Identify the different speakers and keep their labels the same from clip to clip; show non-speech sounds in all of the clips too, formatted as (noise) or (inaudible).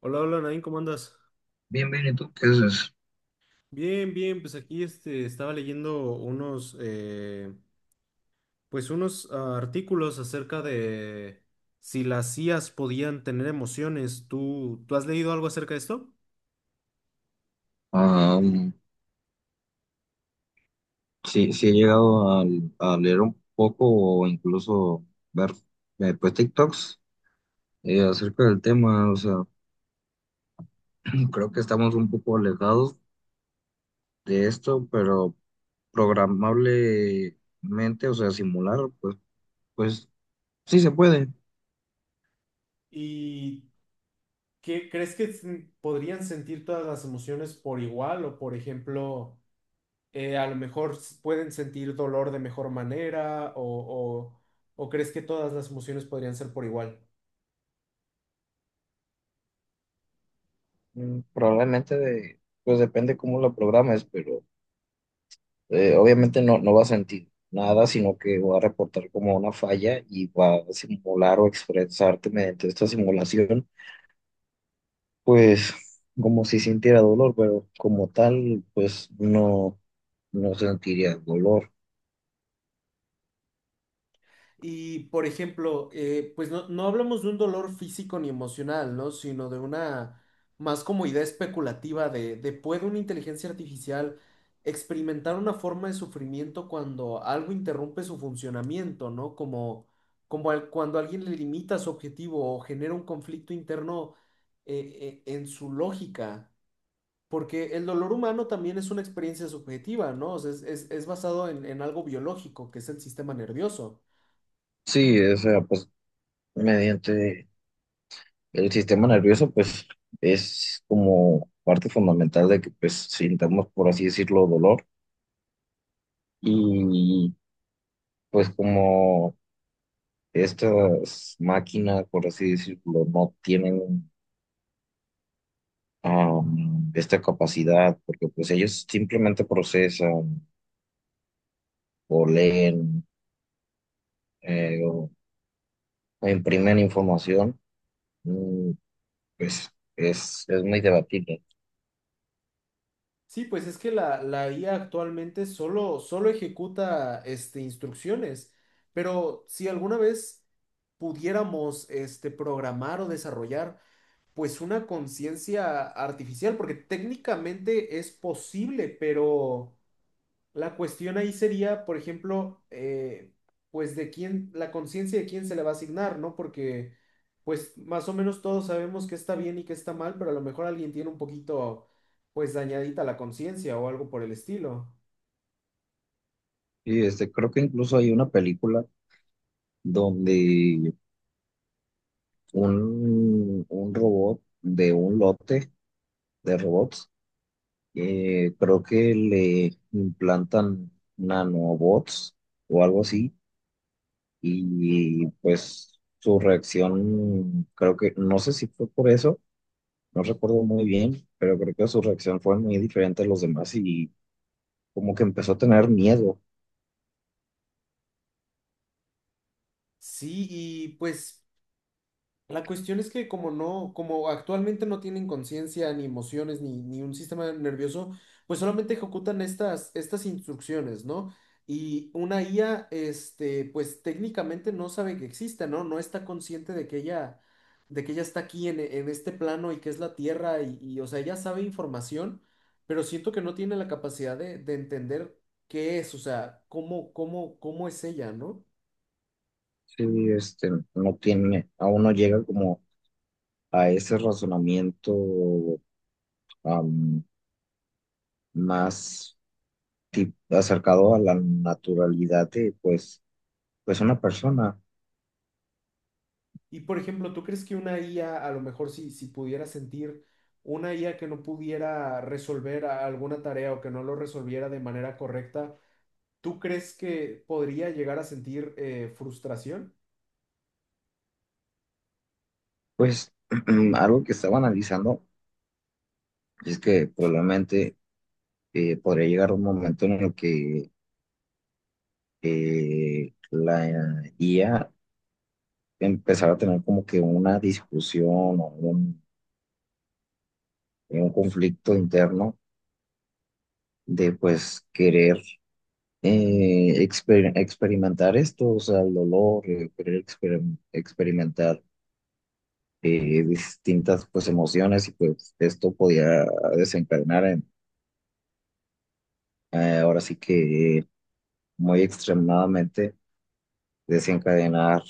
Speaker 1: Hola, hola, Nadine, ¿cómo andas?
Speaker 2: Bien, bien, ¿y tú qué haces?
Speaker 1: Bien, bien, pues aquí este, estaba leyendo unos pues unos artículos acerca de si las IAs podían tener emociones. ¿¿Tú has leído algo acerca de esto?
Speaker 2: Ah, um, sí, sí he llegado a leer un poco o incluso ver pues TikToks acerca del tema. O sea, (clears throat) creo que estamos un poco alejados de esto, pero programablemente, o sea, simular, pues sí se puede.
Speaker 1: ¿Y qué crees que podrían sentir todas las emociones por igual? O por ejemplo, a lo mejor pueden sentir dolor de mejor manera, o crees que todas las emociones podrían ser por igual?
Speaker 2: Probablemente pues depende cómo lo programes, pero obviamente no va a sentir nada, sino que va a reportar como una falla y va a simular o expresarte mediante esta simulación, pues como si sintiera dolor, pero como tal, pues no sentiría dolor.
Speaker 1: Y, por ejemplo, pues no, no hablamos de un dolor físico ni emocional, ¿no? Sino de una más como idea especulativa de ¿puede una inteligencia artificial experimentar una forma de sufrimiento cuando algo interrumpe su funcionamiento, ¿no? Como, cuando alguien le limita su objetivo o genera un conflicto interno en su lógica. Porque el dolor humano también es una experiencia subjetiva, ¿no? O sea, es basado en algo biológico, que es el sistema nervioso.
Speaker 2: Sí, o sea, pues mediante el sistema nervioso, pues es como parte fundamental de que pues sintamos, por así decirlo, dolor y pues como estas máquinas, por así decirlo, no tienen esta capacidad, porque pues ellos simplemente procesan o leen o imprimen información, mm, pues es muy debatible.
Speaker 1: Sí, pues es que la IA actualmente solo ejecuta este, instrucciones, pero si alguna vez pudiéramos este, programar o desarrollar pues una conciencia artificial, porque técnicamente es posible, pero... La cuestión ahí sería, por ejemplo, pues de quién, la conciencia de quién se le va a asignar, ¿no? Porque, pues más o menos todos sabemos qué está bien y qué está mal, pero a lo mejor alguien tiene un poquito, pues dañadita la conciencia o algo por el estilo.
Speaker 2: Y este, creo que incluso hay una película donde un robot de un lote de robots, creo que le implantan nanobots o algo así, y pues su reacción, creo que, no sé si fue por eso, no recuerdo muy bien, pero creo que su reacción fue muy diferente a los demás y como que empezó a tener miedo.
Speaker 1: Sí, y pues la cuestión es que como no, como actualmente no tienen conciencia, ni emociones, ni un sistema nervioso, pues solamente ejecutan estas instrucciones, ¿no? Y una IA, este, pues técnicamente no sabe que existe, ¿no? No está consciente de que ella está aquí en este plano y que es la Tierra, y, o sea, ella sabe información, pero siento que no tiene la capacidad de entender qué es, o sea, cómo es ella, ¿no?
Speaker 2: Sí, este, no tiene, aún no llega como a ese razonamiento, am, más acercado a la naturalidad de, pues, una persona.
Speaker 1: Y por ejemplo, ¿tú crees que una IA, a lo mejor si pudiera sentir una IA que no pudiera resolver alguna tarea o que no lo resolviera de manera correcta, ¿tú crees que podría llegar a sentir frustración?
Speaker 2: Pues (clears throat) algo que estaba analizando es que probablemente podría llegar un momento en el que la IA empezara a tener como que una discusión o un conflicto interno de pues querer experimentar esto, o sea, el dolor, querer experimentar distintas pues emociones, y pues esto podía desencadenar en, ahora sí que muy extremadamente, desencadenar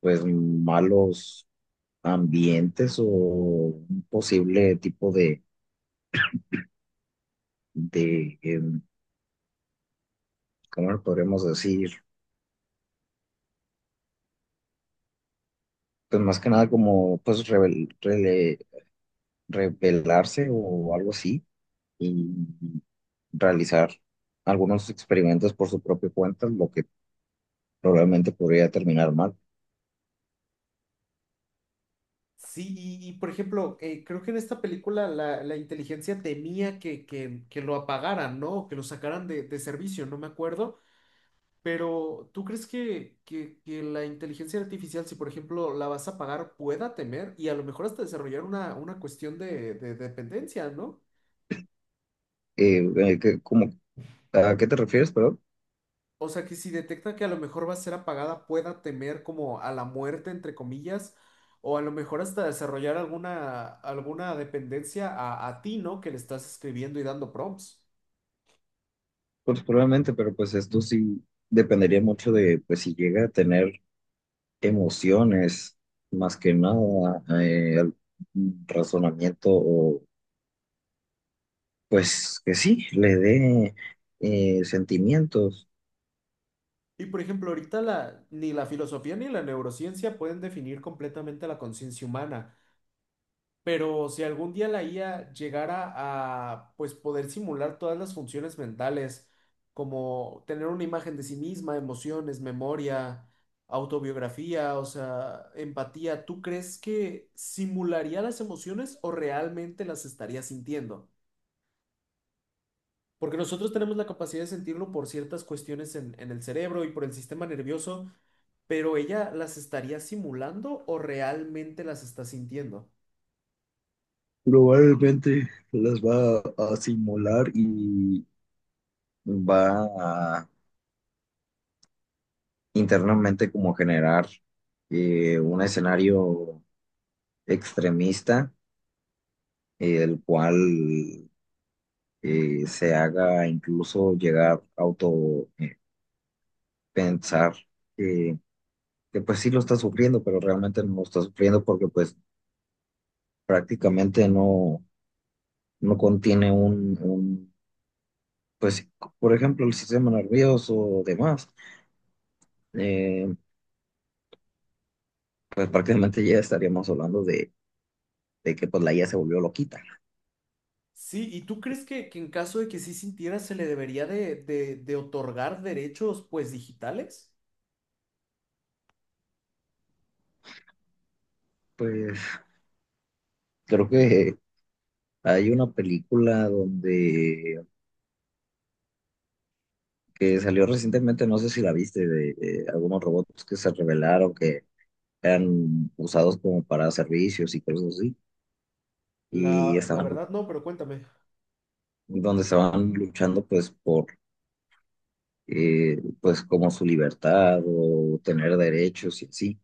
Speaker 2: pues malos ambientes o un posible tipo de. ¿Cómo lo podremos decir? Pues más que nada como pues rebelarse o algo así, y realizar algunos experimentos por su propia cuenta, lo que probablemente podría terminar mal.
Speaker 1: Sí, por ejemplo, creo que en esta película la inteligencia temía que lo apagaran, ¿no? Que lo sacaran de servicio, no me acuerdo. Pero, ¿tú crees que la inteligencia artificial, si por ejemplo la vas a pagar, pueda temer y a lo mejor hasta desarrollar una cuestión de dependencia, ¿no?
Speaker 2: Eh, eh, que- como- ¿A qué te refieres, perdón?
Speaker 1: O sea, que si detecta que a lo mejor va a ser apagada, pueda temer como a la muerte, entre comillas, o a lo mejor hasta desarrollar alguna dependencia a ti, ¿no? Que le estás escribiendo y dando prompts.
Speaker 2: Pues probablemente, pero pues esto sí dependería mucho de pues si llega a tener emociones, más que nada, un razonamiento, o, pues que sí, le dé sentimientos.
Speaker 1: Y por ejemplo, ahorita la, ni la filosofía ni la neurociencia pueden definir completamente la conciencia humana. Pero si algún día la IA llegara a pues poder simular todas las funciones mentales, como tener una imagen de sí misma, emociones, memoria, autobiografía, o sea, empatía, ¿tú crees que simularía las emociones o realmente las estaría sintiendo? Porque nosotros tenemos la capacidad de sentirlo por ciertas cuestiones en el cerebro y por el sistema nervioso, pero ella las estaría simulando o realmente las está sintiendo.
Speaker 2: Probablemente las va a simular y va a internamente como generar un escenario extremista, el cual se haga incluso llegar a auto pensar, eh, que pues sí lo está sufriendo, pero realmente no lo está sufriendo porque pues prácticamente no contiene un, pues por ejemplo, el sistema nervioso o demás, eh, pues prácticamente ya estaríamos hablando de que pues la IA se volvió loquita.
Speaker 1: Sí, ¿y tú crees que en caso de que sí sintiera se le debería de otorgar derechos pues digitales?
Speaker 2: Pues creo que hay una película, donde que salió recientemente, no sé si la viste, de algunos robots que se revelaron, que eran usados como para servicios y cosas así, y
Speaker 1: La
Speaker 2: estaban,
Speaker 1: verdad no, pero cuéntame.
Speaker 2: donde estaban luchando pues por pues como su libertad o tener derechos y así.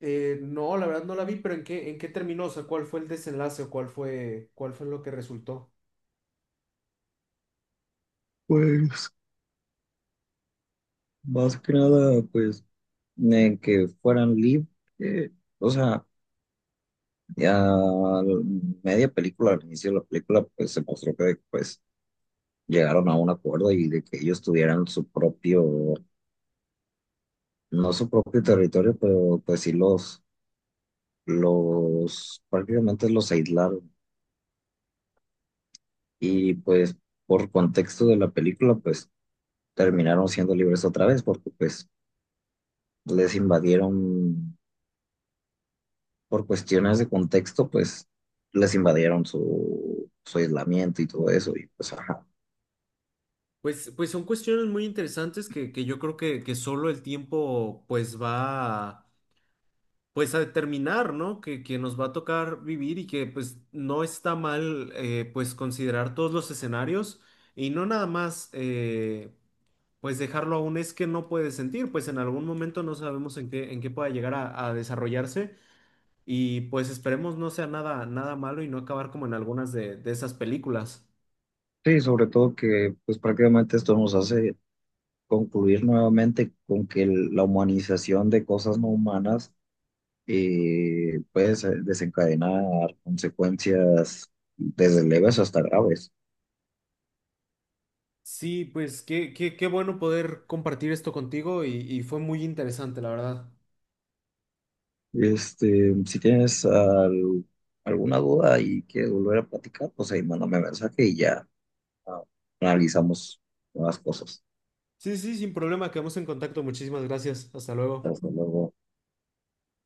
Speaker 1: No, la verdad no la vi, pero en qué terminó? O sea, ¿cuál fue el desenlace o cuál fue lo que resultó?
Speaker 2: Pues más que nada pues que fueran libres, o sea, ya media película, al inicio de la película pues se mostró que pues llegaron a un acuerdo y de que ellos tuvieran su propio, no su propio territorio, pero pues sí los prácticamente los aislaron, y pues por contexto de la película, pues terminaron siendo libres otra vez porque pues les invadieron por cuestiones de contexto, pues les invadieron su aislamiento y todo eso, y pues ajá.
Speaker 1: Pues, pues son cuestiones muy interesantes que yo creo que solo el tiempo pues pues a determinar, ¿no? Que nos va a tocar vivir y que pues no está mal pues considerar todos los escenarios y no nada más pues dejarlo aún es que no puede sentir, pues en algún momento no sabemos en qué pueda llegar a desarrollarse y pues esperemos no sea nada, nada malo y no acabar como en algunas de esas películas.
Speaker 2: Sí, sobre todo que pues prácticamente esto nos hace concluir nuevamente con que la humanización de cosas no humanas puede desencadenar consecuencias desde leves hasta graves.
Speaker 1: Sí, pues qué, qué, qué bueno poder compartir esto contigo y fue muy interesante, la verdad.
Speaker 2: Este, si tienes alguna duda y quieres volver a platicar, pues ahí mándame mensaje y ya, ah, analizamos nuevas cosas.
Speaker 1: Sí, sí, sin problema, quedamos en contacto. Muchísimas gracias. Hasta luego.
Speaker 2: Hasta luego.